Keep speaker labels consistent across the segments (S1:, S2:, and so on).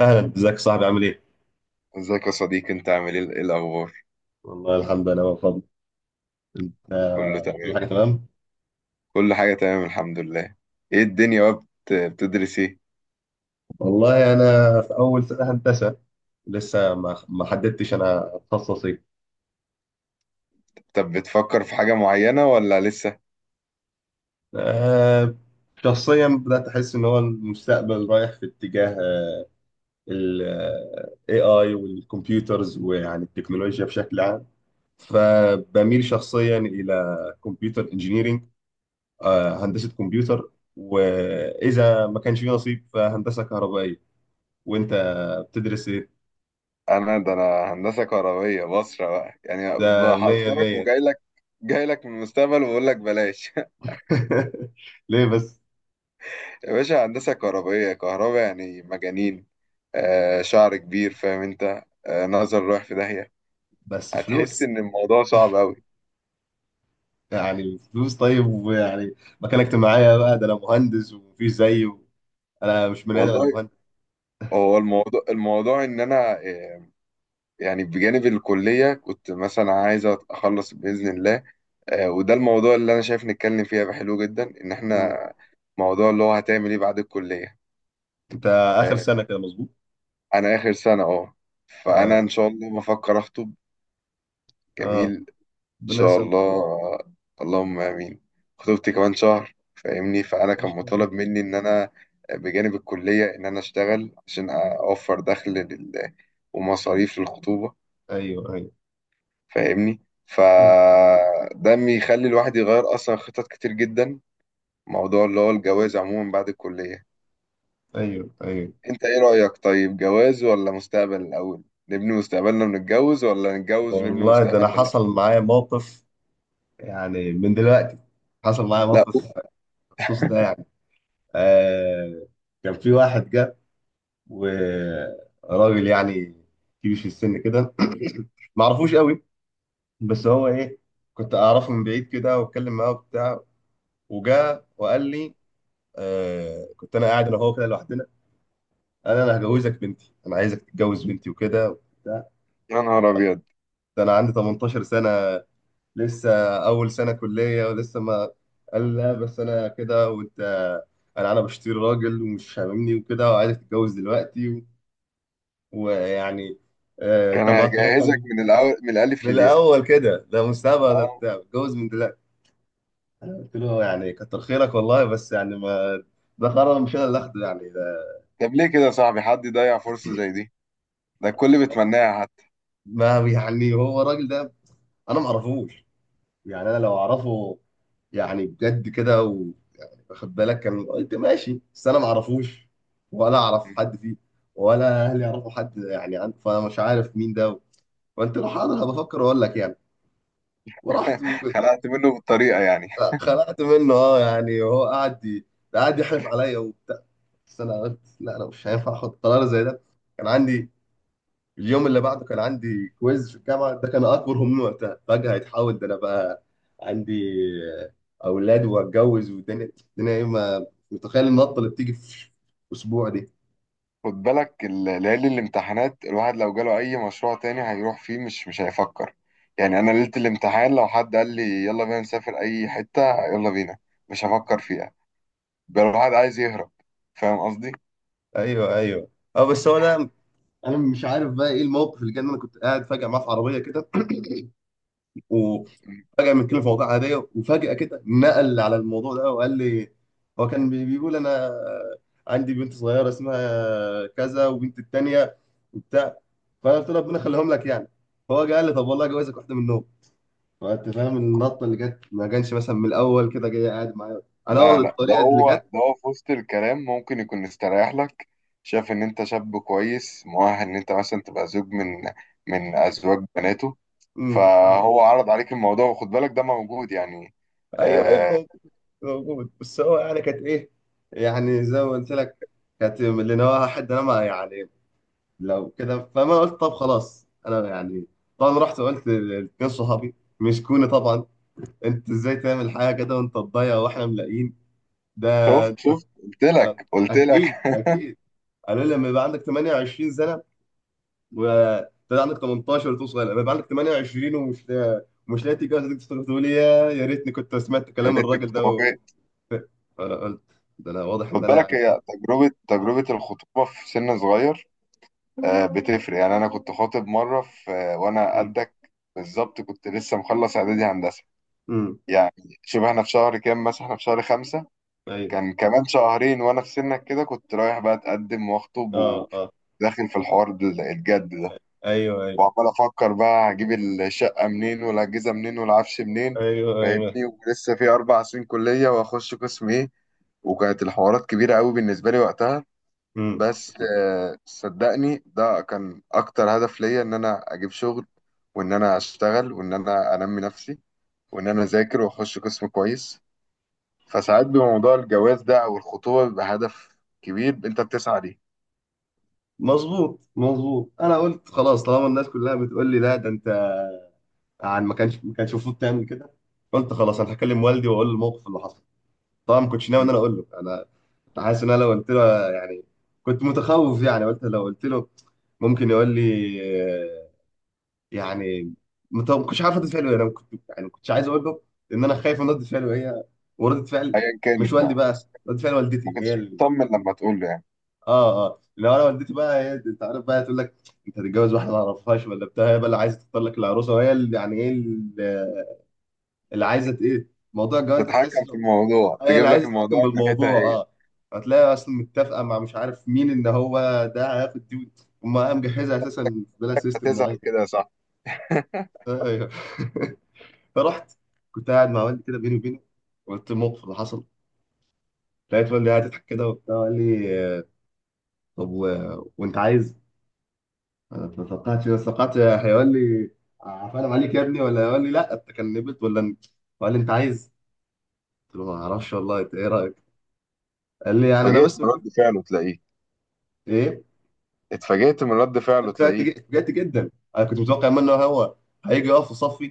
S1: اهلا، ازيك يا صاحبي؟ عامل ايه؟
S2: ازيك يا صديقي؟ انت عامل ايه؟ ايه الاخبار؟
S1: والله الحمد لله بفضل. انت
S2: كله
S1: كل
S2: تمام.
S1: حاجه تمام؟
S2: كل حاجه تمام، الحمد لله. ايه الدنيا بقى، بتدرس ايه؟
S1: والله انا في اول سنه هندسه. لسه ما حددتش انا اتخصص ايه.
S2: طب، بتفكر في حاجه معينه ولا لسه؟
S1: آه، شخصيا بدات احس ان هو المستقبل رايح في اتجاه، ال AI والكمبيوترز، ويعني التكنولوجيا بشكل عام. فبميل شخصيا الى كمبيوتر انجينيرنج، هندسه كمبيوتر، واذا ما كانش في نصيب فهندسه كهربائيه. وانت بتدرس ايه؟
S2: انا، ده انا هندسه كهربيه، بصره بقى يعني،
S1: ده مية
S2: بحذرك
S1: مية.
S2: وجاي لك. جاي لك من المستقبل وبقول لك بلاش.
S1: ليه بس؟
S2: يا باشا، هندسه كهربيه، كهرباء يعني مجانين. شعر كبير، فاهم انت، نظر رايح في داهيه.
S1: بس
S2: هتحس
S1: فلوس.
S2: ان الموضوع صعب قوي.
S1: يعني الفلوس طيب، ويعني مكانك معايا بقى. ده انا مهندس ومفيش زيي و... انا مش بني ادم، انا
S2: والله،
S1: مهندس.
S2: هو الموضوع، ان انا، يعني بجانب الكلية كنت مثلا عايز أخلص بإذن الله. وده الموضوع اللي أنا شايف نتكلم فيه هيبقى حلو جدا، إن إحنا
S1: مم.
S2: موضوع اللي هو هتعمل إيه بعد الكلية.
S1: انت اخر
S2: آه،
S1: سنة كده، مظبوط؟
S2: أنا آخر سنة. فأنا
S1: اه،
S2: إن شاء الله بفكر أخطب. جميل.
S1: اه.
S2: إن
S1: ربنا
S2: شاء
S1: يسلمك.
S2: الله. اللهم آمين. خطوبتي كمان شهر، فاهمني؟ فأنا
S1: ما
S2: كان
S1: شاء الله.
S2: مطالب مني إن أنا، بجانب الكلية إن أنا أشتغل عشان أوفر دخل ومصاريف للخطوبة.
S1: ايوه، ايوه.
S2: فاهمني؟
S1: مم.
S2: فده بيخلي الواحد يغير اصلا خطط كتير جدا. موضوع اللي هو الجواز عموما بعد الكلية.
S1: ايوه، ايوه.
S2: انت ايه رأيك؟ طيب، جواز ولا مستقبل الاول؟ نبني مستقبلنا ونتجوز، ولا نتجوز ونبني
S1: والله ده انا
S2: مستقبلنا سوا؟
S1: حصل معايا موقف، يعني من دلوقتي حصل معايا
S2: لا، أوف.
S1: موقف بخصوص ده يعني. آه كان في واحد جه، وراجل يعني كبير في السن كده ما اعرفوش قوي. بس هو ايه، كنت اعرفه من بعيد كده، واتكلم معاه وبتاع. وجا وقال لي، كنت انا قاعد انا وهو كده لوحدنا. قال انا هجوزك بنتي، انا عايزك تتجوز بنتي وكده وبتاع.
S2: يا نهار ابيض.
S1: ده انا عندي 18 سنه لسه، اول سنه كليه، ولسه ما. قال لا بس انا كده، وانت انا بشتري راجل ومش هاممني وكده، وعايزك تتجوز دلوقتي و... ويعني،
S2: كان
S1: انت معاك
S2: هجهزك
S1: رقم؟
S2: من الاول، من الالف
S1: من
S2: للياء
S1: الاول كده، ده مستعبد ده
S2: اه
S1: بتاع، اتجوز من دلوقتي. انا قلت له يعني كتر خيرك والله، بس يعني ما. ده قرار مش انا اللي اخده يعني ده.
S2: طب ليه كده يا صاحبي؟ حد يضيع فرصة زي دي؟ ده الكل بيتمناها حتى.
S1: ما يعني هو الراجل ده، انا ما اعرفوش. يعني انا لو اعرفه، يعني بجد كده، واخد بالك، كان قلت ماشي. بس انا ما اعرفوش، ولا اعرف حد فيه، ولا اهلي يعرفوا حد يعني عنه، فانا مش عارف مين ده. وانت لو حاضر هبفكر واقول لك يعني. ورحت
S2: خلقت منه بالطريقة يعني؟
S1: خلعت منه. اه، يعني هو قعد ده قعد يحلف عليا وبتاع. بس انا قلت لا، انا مش هينفع احط قرار زي ده. كان عندي اليوم اللي بعده كان عندي كويز في الجامعه، ده كان اكبر همومي وقتها. فجاه هيتحول ده انا بقى عندي اولاد واتجوز، والدنيا الدنيا ايه، ما متخيل النطه اللي بتيجي في اسبوع دي.
S2: خد بالك ليالي الامتحانات، الواحد لو جاله اي مشروع تاني هيروح فيه، مش هيفكر. يعني انا ليلة الامتحان لو حد قال لي يلا بينا نسافر اي حتة، يلا بينا، مش هفكر فيها. بقى الواحد عايز يهرب. فاهم قصدي؟
S1: ايوه، ايوه. اه، بس هو ده. انا مش عارف بقى ايه الموقف اللي جه، ان انا كنت قاعد فجاه معاه في عربيه كده. وفجأة بنتكلم في مواضيع عادية، وفجأة كده نقل على الموضوع ده وقال لي. هو كان بيقول أنا عندي بنت صغيرة اسمها كذا، وبنت التانية وبتاع. فأنا قلت له ربنا يخليهم لك يعني. فهو جه قال لي طب والله جوازك واحدة منهم. فأنت فاهم النطة اللي جت، ما كانش مثلا من الأول كده جاي قاعد معايا، أنا أقعد
S2: لا، لا، ده
S1: الطريقة اللي
S2: هو،
S1: جت.
S2: في وسط الكلام ممكن يكون مستريح لك. شايف ان انت شاب كويس مؤهل ان انت مثلا تبقى زوج من ازواج بناته.
S1: مم. مم.
S2: فهو عرض عليك الموضوع، وخد بالك ده موجود يعني.
S1: أيوه، أيوه،
S2: آه،
S1: موجود. موجود، بس هو يعني كانت إيه. يعني زي ما قلت لك، كانت من اللي نواها حد، أنا ما يعني، لو كده. فما قلت طب خلاص انا يعني. طبعا رحت وقلت لاتنين صحابي، مسكوني طبعا: انت ازاي تعمل حاجه كده وانت تضيع، واحنا ملاقيين ده.
S2: شفت شفت، قلت
S1: أ-
S2: لك قلت لك.
S1: اكيد، اكيد. قالوا لي لما يبقى عندك 28 سنه، وتبقى عندك 18 وتكون صغير، لما يبقى عندك 28 ومش لا... ومش لاقي تتجوز، تقدر تقول يا يا ريتني كنت سمعت
S2: يا
S1: كلام
S2: ريتني
S1: الراجل
S2: كنت
S1: ده و...
S2: موجود.
S1: فانا قلت، ده انا واضح
S2: خد
S1: ان انا
S2: بالك،
S1: يعني ايه.
S2: هي تجربة
S1: اه.
S2: تجربة الخطوبة في سن صغير. بتفرق يعني. أنا كنت خاطب مرة في، وأنا
S1: امم.
S2: قدك بالظبط. كنت لسه مخلص إعدادي هندسة
S1: امم.
S2: يعني. شبه إحنا في شهر كام مثلا؟ إحنا في شهر خمسة.
S1: ايوه.
S2: كان كمان شهرين وأنا في سنك كده، كنت رايح بقى أتقدم وأخطب
S1: اه، اه.
S2: وداخل في الحوار الجد ده.
S1: ايوه، ايوه.
S2: وعمال أفكر بقى، هجيب الشقة منين والأجهزة منين والعفش منين؟
S1: ايوه، ايوه.
S2: فاهمني؟ ولسه في 4 سنين كلية وأخش قسم إيه. وكانت الحوارات كبيرة قوي بالنسبة لي وقتها.
S1: امم.
S2: بس صدقني ده كان أكتر هدف ليا، إن أنا أجيب شغل، وإن أنا أشتغل، وإن أنا أنمي نفسي، وإن أنا أذاكر وأخش قسم كويس. فساعات، بموضوع الجواز ده أو الخطوبة، بيبقى هدف كبير أنت بتسعى ليه.
S1: مظبوط، مظبوط. انا قلت خلاص، طالما الناس كلها بتقول لي لا ده انت، عن ما كانش المفروض تعمل كده. قلت خلاص انا هكلم والدي واقول له الموقف اللي حصل. طبعا ما كنتش ناوي ان انا اقول له انا. كنت حاسس ان انا لو قلت له يعني، كنت متخوف. يعني قلت لو قلت له ممكن يقول لي آه، يعني ما كنتش عارف رد فعله إيه. انا كنت يعني ما كنتش عايز اقول له، ان انا خايف من رد فعله هي، ورده فعل،
S2: أيا
S1: مش
S2: كانت
S1: والدي
S2: بقى،
S1: بقى،
S2: بس.
S1: رد فعل
S2: ما
S1: والدتي
S2: كنتش
S1: هي.
S2: مطمن لما تقول له يعني.
S1: اه، اه. لو انا والدتي بقى، هي انت عارف بقى تقول لك: انت هتتجوز واحده ما اعرفهاش ولا بتاع. هي بقى اللي عايزه تختار لك العروسه، وهي اللي يعني ايه، اللي اللي عايزه ايه. موضوع الجواز ده تحس
S2: تتحكم في
S1: ان
S2: الموضوع،
S1: هي
S2: تجيب
S1: اللي
S2: لك
S1: عايزه تتحكم
S2: الموضوع من
S1: بالموضوع،
S2: ناحيتها هي.
S1: اه. هتلاقي اصلا متفقه مع مش عارف مين، ان هو ده هياخد دي. هم مجهزه اساسا بلا سيستم معين.
S2: هتزعل كده يا صاحبي.
S1: ايوه. فرحت، كنت قاعد مع والدي كده بيني وبينه، قلت الموقف اللي حصل. لقيت والدي قاعد يضحك كده وبتاع، قال لي طب و... وانت عايز. انا اتلصقعت، انا اتلصقعت. هيقول لي عفانا عليك يا ابني، ولا هيقول لي لا انت كان نبت، ولا انت. قال لي انت عايز. قلت له ما اعرفش والله، انت ايه رايك؟ قال لي يعني انا
S2: اتفاجئت
S1: بس
S2: من
S1: بشوف
S2: رد فعله تلاقيه
S1: ايه.
S2: اتفاجئت من رد فعله تلاقيه.
S1: اتفاجئت جدا. انا كنت متوقع منه هو هيجي يقف في صفي.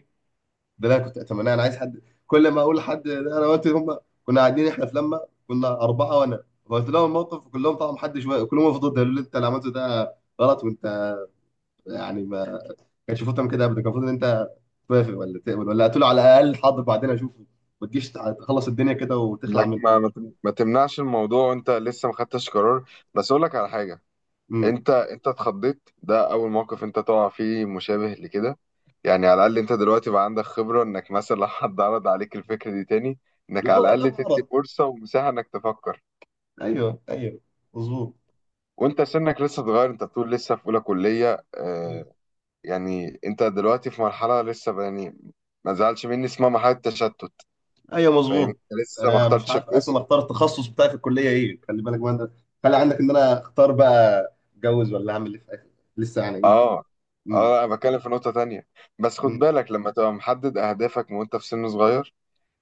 S1: ده اللي انا كنت اتمناه. انا عايز حد كل ما اقول لحد ده انا قلت هم. كنا قاعدين احنا في لما كنا اربعه، وانا قلت لهم الموقف كلهم، طبعا محدش كلهم وقفوا ضدي. قالوا لي انت اللي عملته ده غلط، وانت يعني ما كانش المفروض تعمل كده ابدا. كان المفروض ان انت توافق، ولا تقبل، ولا هتقول على الاقل حاضر بعدين اشوفه، ما تجيش تخلص الدنيا كده وتخلع
S2: انك
S1: منه.
S2: ما تمنعش الموضوع وانت لسه ما خدتش قرار. بس اقول لك على حاجه.
S1: امم.
S2: انت اتخضيت، ده اول موقف انت تقع فيه مشابه لكده. يعني على الاقل انت دلوقتي بقى عندك خبره، انك مثلا لو حد عرض عليك الفكره دي تاني، انك
S1: لا،
S2: على
S1: لا،
S2: الاقل تدي
S1: غلط.
S2: فرصه ومساحه انك تفكر.
S1: ايوه، ايوه، مظبوط.
S2: وانت سنك لسه صغير، انت بتقول لسه في اولى كليه
S1: مم.
S2: آه يعني انت دلوقتي في مرحله لسه يعني، ما زعلش مني، اسمها مرحله تشتت.
S1: ايوه،
S2: فاهم؟
S1: مظبوط.
S2: لسه ما
S1: انا مش
S2: اخترتش
S1: عارف اصلا
S2: القسم.
S1: اختار التخصص بتاعي في الكليه ايه، خلي بالك بقى انت. خلي عندك ان انا اختار بقى اتجوز، ولا اعمل ايه في الاخر، لسه يعني ايه.
S2: اه،
S1: امم.
S2: اه، انا بتكلم في نقطة تانية. بس خد
S1: امم.
S2: بالك، لما تبقى محدد اهدافك من وانت في سن صغير،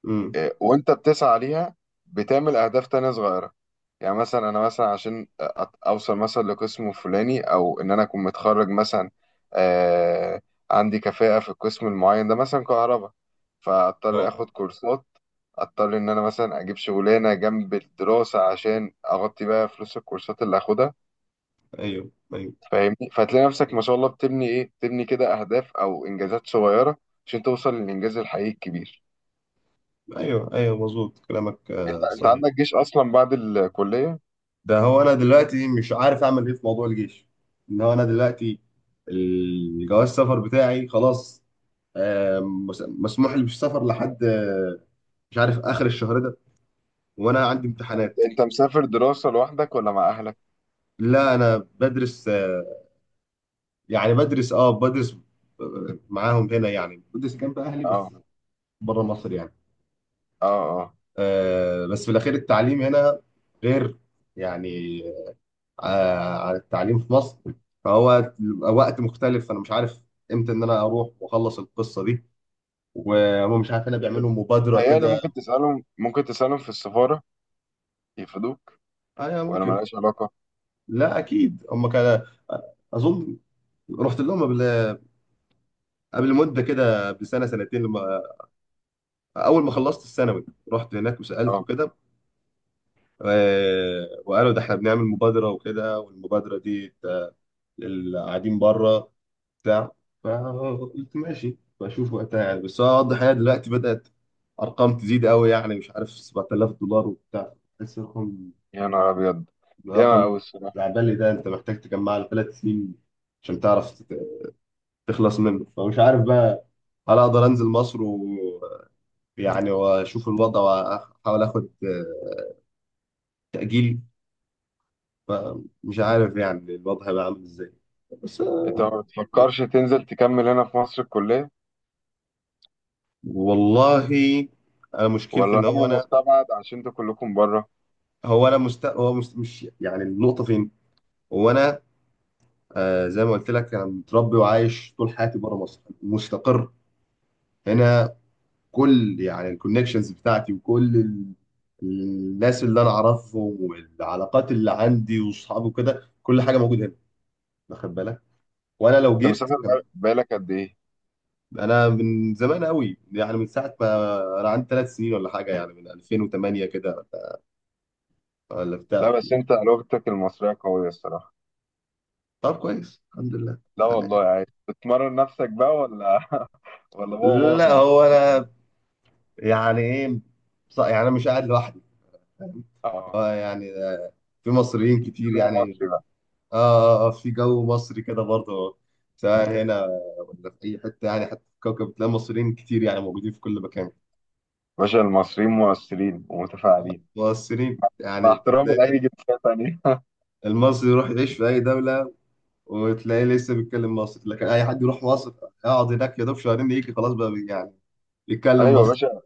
S1: امم.
S2: وانت بتسعى ليها، بتعمل اهداف تانية صغيرة. يعني مثلا انا مثلا عشان اوصل مثلا لقسم فلاني، او ان انا اكون متخرج مثلا، آه عندي كفاءة في القسم المعين ده، مثلا كهرباء. فاضطر
S1: اه.
S2: اخد كورسات. اضطر ان انا مثلا اجيب شغلانة جنب الدراسة عشان اغطي بقى فلوس الكورسات اللي هاخدها.
S1: ايوه، ايوه.
S2: فاهمني؟ فتلاقي نفسك ما شاء الله بتبني ايه، بتبني كده اهداف او انجازات صغيره، عشان توصل للانجاز الحقيقي الكبير.
S1: ايوه، ايوه، مظبوط كلامك،
S2: انت
S1: صحيح.
S2: عندك جيش اصلا بعد الكليه.
S1: ده هو انا دلوقتي مش عارف اعمل ايه في موضوع الجيش. ان هو انا دلوقتي الجواز السفر بتاعي خلاص، مسموح لي بالسفر لحد مش عارف اخر الشهر ده، وانا عندي
S2: انت
S1: امتحانات.
S2: أنت مسافر دراسه لوحدك ولا مع اهلك؟
S1: لا انا بدرس، يعني بدرس، اه بدرس، معاهم هنا، يعني بدرس جنب اهلي
S2: اه.
S1: بس، بره مصر يعني.
S2: اه. اه.
S1: بس في الاخير التعليم هنا غير يعني، على التعليم في مصر. فهو وقت مختلف، فانا مش عارف امتى ان انا اروح واخلص القصه دي. وهم مش عارف انا بيعملوا مبادره
S2: متهيألي
S1: كده.
S2: ممكن تسالهم، ممكن تسالهم في السفاره، يفيدوك.
S1: ايوه،
S2: ولا
S1: ممكن.
S2: ملهاش علاقه؟
S1: لا اكيد هم كان، اظن، رحت لهم قبل مده كده بسنه سنتين، لما اول ما خلصت الثانوي رحت هناك وسالت
S2: اه.
S1: وكده. وقالوا ده احنا بنعمل مبادره وكده، والمبادره دي اللي قاعدين بره بتاع فقلت ماشي بشوف وقتها يعني. بس هو واضح هي دلوقتي بدأت أرقام تزيد قوي، يعني مش عارف 7000 دولار وبتاع. بس رقم.
S2: يا نهار ابيض. ياما
S1: رقم
S2: أوي الصراحه.
S1: العبالي ده، أنت محتاج تجمع له 3 سنين عشان تعرف تخلص منه. فمش عارف بقى، هل أقدر أنزل مصر ويعني، وأشوف الوضع وأحاول آخد تأجيل. فمش عارف يعني الوضع هيبقى عامل إزاي، بس
S2: انت ما بتفكرش تنزل تكمل هنا في مصر الكليه؟
S1: والله أنا مشكلتي
S2: ولا
S1: إن هو
S2: امر
S1: أنا،
S2: مستبعد عشان انتوا كلكم بره؟
S1: هو انا مست... هو مست... مش يعني النقطه فين. هو انا آه، زي ما قلت لك، انا متربي وعايش طول حياتي بره مصر، مستقر هنا. كل يعني الكونكشنز بتاعتي وكل ال... الناس اللي انا اعرفهم والعلاقات اللي عندي واصحابي وكده، كل حاجه موجوده هنا واخد بالك. وانا لو
S2: انت
S1: جيت
S2: مسافر
S1: كان...
S2: بقالك قد ايه؟
S1: انا من زمان قوي، يعني من ساعه ما انا عندي 3 سنين ولا حاجه، يعني من 2008 كده ولا
S2: لا،
S1: بتاع.
S2: بس انت لغتك المصرية قوية الصراحة.
S1: طب كويس الحمد لله.
S2: لا والله،
S1: يعني،
S2: عايز بتمرن نفسك بقى ولا ولا هو ماما في
S1: لا
S2: البيت؟
S1: هو انا يعني ايه، يعني انا مش قاعد لوحدي، فاهم.
S2: اه.
S1: اه، يعني في مصريين كتير
S2: كلمة
S1: يعني.
S2: مصري بقى.
S1: اه، اه. في جو مصري كده برضه، سواء هنا ولا في اي حته، يعني حتى في الكوكب بتلاقي مصريين كتير، يعني موجودين في كل مكان.
S2: باشا، المصريين مؤثرين ومتفاعلين.
S1: مصريين
S2: مع
S1: يعني
S2: احترامي
S1: تلاقي
S2: لأي جنسية تانية
S1: المصري يروح يعيش في اي دوله وتلاقيه لسه بيتكلم مصري. لكن اي حد يروح مصر يقعد هناك يا دوب شهرين، يجي خلاص بقى يعني يتكلم
S2: أيوة يا
S1: مصري.
S2: باشا.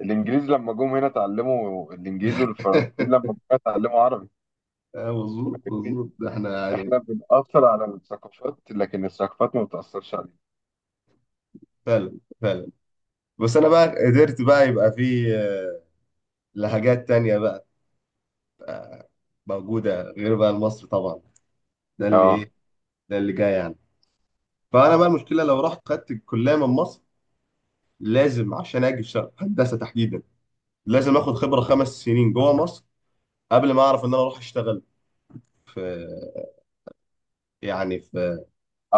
S2: الإنجليز لما جم هنا اتعلموا الإنجليز، والفرنسيين لما جم هنا اتعلموا عربي.
S1: مظبوط،
S2: فاهمني؟
S1: مظبوط، ده احنا يعني.
S2: إحنا بنأثر على الثقافات، لكن الثقافات ما بتأثرش علينا.
S1: فعلا، فعلا. بس انا بقى قدرت بقى يبقى في لهجات تانية بقى موجودة غير بقى المصري طبعا. ده اللي
S2: اه،
S1: ايه، ده اللي جاي يعني. فانا بقى
S2: اه،
S1: المشكلة لو رحت خدت الكلية من مصر، لازم عشان اجي في هندسة تحديدا، لازم اخد خبرة 5 سنين جوه مصر قبل ما اعرف ان انا اروح اشتغل في، يعني في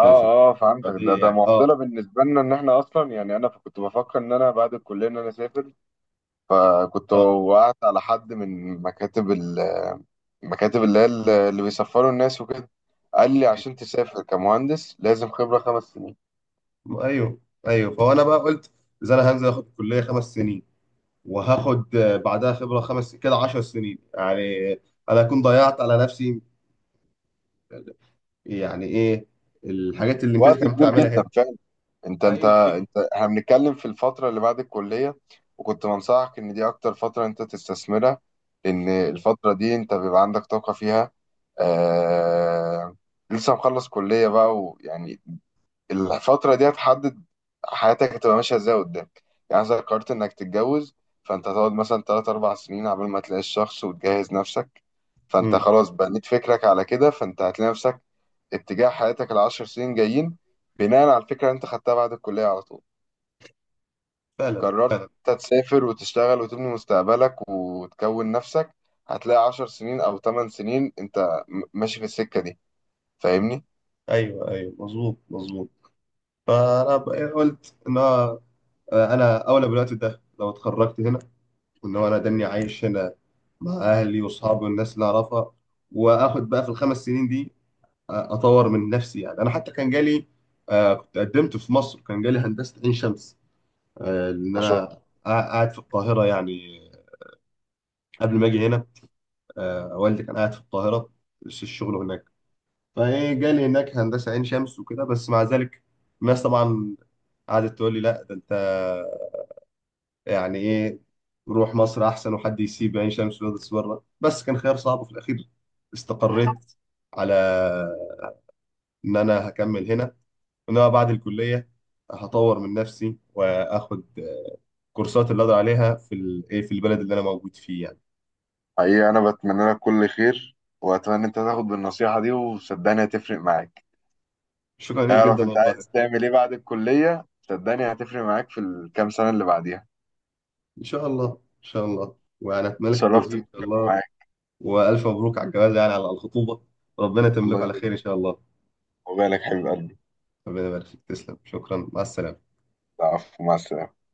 S1: في في
S2: اه، فهمتك. ده
S1: دي
S2: ده
S1: يعني.
S2: معضلة
S1: اه،
S2: بالنسبة لنا، إن إحنا أصلا يعني، أنا كنت بفكر إن أنا بعد الكلية إن أنا أسافر. فكنت
S1: اه.
S2: وقعت على حد من مكاتب المكاتب، اللي هي اللي بيسفروا الناس وكده. قال لي عشان تسافر كمهندس، لازم خبرة 5 سنين.
S1: ايوه، ايوه. فانا بقى قلت، اذا انا هنزل اخد الكليه 5 سنين، وهاخد بعدها خبره خمس كده 10 سنين يعني، انا اكون ضيعت على نفسي، يعني ايه، الحاجات اللي امبارح
S2: وقت
S1: كانت
S2: كبير
S1: بتعملها
S2: جدا
S1: هنا.
S2: فعلا. انت انت
S1: ايوه، ايوه.
S2: انت احنا بنتكلم في الفترة اللي بعد الكلية، وكنت بنصحك ان دي اكتر فترة انت تستثمرها، لان الفترة دي انت بيبقى عندك طاقة فيها. آه... لسه مخلص كلية بقى ويعني، الفترة دي هتحدد حياتك هتبقى ماشية ازاي قدام. يعني إذا قررت انك تتجوز، فانت هتقعد مثلا تلات أربع سنين عبال ما تلاقي الشخص وتجهز نفسك. فانت
S1: امم.
S2: خلاص بنيت فكرك على كده، فانت هتلاقي نفسك اتجاه حياتك العشر سنين جايين، بناء على الفكرة اللي انت خدتها بعد الكلية على طول.
S1: فعلا.
S2: قررت انت تسافر وتشتغل وتبني مستقبلك وتكون نفسك، هتلاقي 10 سنين أو 8 سنين انت ماشي في السكة دي. فاهمني؟
S1: ايوه، ايوه، مظبوط، مظبوط. فانا إيه قلت، ان هو انا اولى بالوقت ده لو اتخرجت هنا، وان هو انا دني عايش هنا مع اهلي واصحابي والناس اللي اعرفها. واخد بقى في ال5 سنين دي اطور من نفسي يعني. انا حتى كان جالي، كنت قدمت في مصر، كان جالي هندسة عين شمس، لان
S2: مشروع.
S1: انا قاعد في القاهرة يعني قبل ما اجي هنا. والدي كان قاعد في القاهرة في الشغل هناك، فإيه جالي هناك هندسة عين شمس وكده. بس مع ذلك الناس طبعا قعدت تقول لي لا ده أنت يعني إيه، روح مصر أحسن، وحد يسيب عين شمس ويدرس بره. بس كان خيار صعب، وفي الأخير استقريت على إن أنا هكمل هنا. إن أنا بعد الكلية هطور من نفسي وآخد كورسات اللي أقدر عليها في إيه في البلد اللي أنا موجود فيه يعني.
S2: حقيقة، أنا بتمنى لك كل خير، وأتمنى أنت تاخد بالنصيحة دي، وصدقني هتفرق معاك.
S1: شكرا ليك جدا
S2: اعرف أنت
S1: والله.
S2: عايز تعمل إيه بعد الكلية، صدقني هتفرق معاك في الكام سنة اللي بعديها.
S1: إن شاء الله، إن شاء الله. وأنا أتمنى لك
S2: اتشرفت
S1: التوفيق إن شاء
S2: بالكلام
S1: الله.
S2: معاك.
S1: وألف مبروك على الجواز، يعني على الخطوبة. ربنا يتمم
S2: الله
S1: لكم على
S2: يبارك،
S1: خير إن شاء الله.
S2: وبالك حبيب قلبي.
S1: ربنا يبارك فيك، تسلم، شكرا، مع السلامة.
S2: العفو، مع السلامة.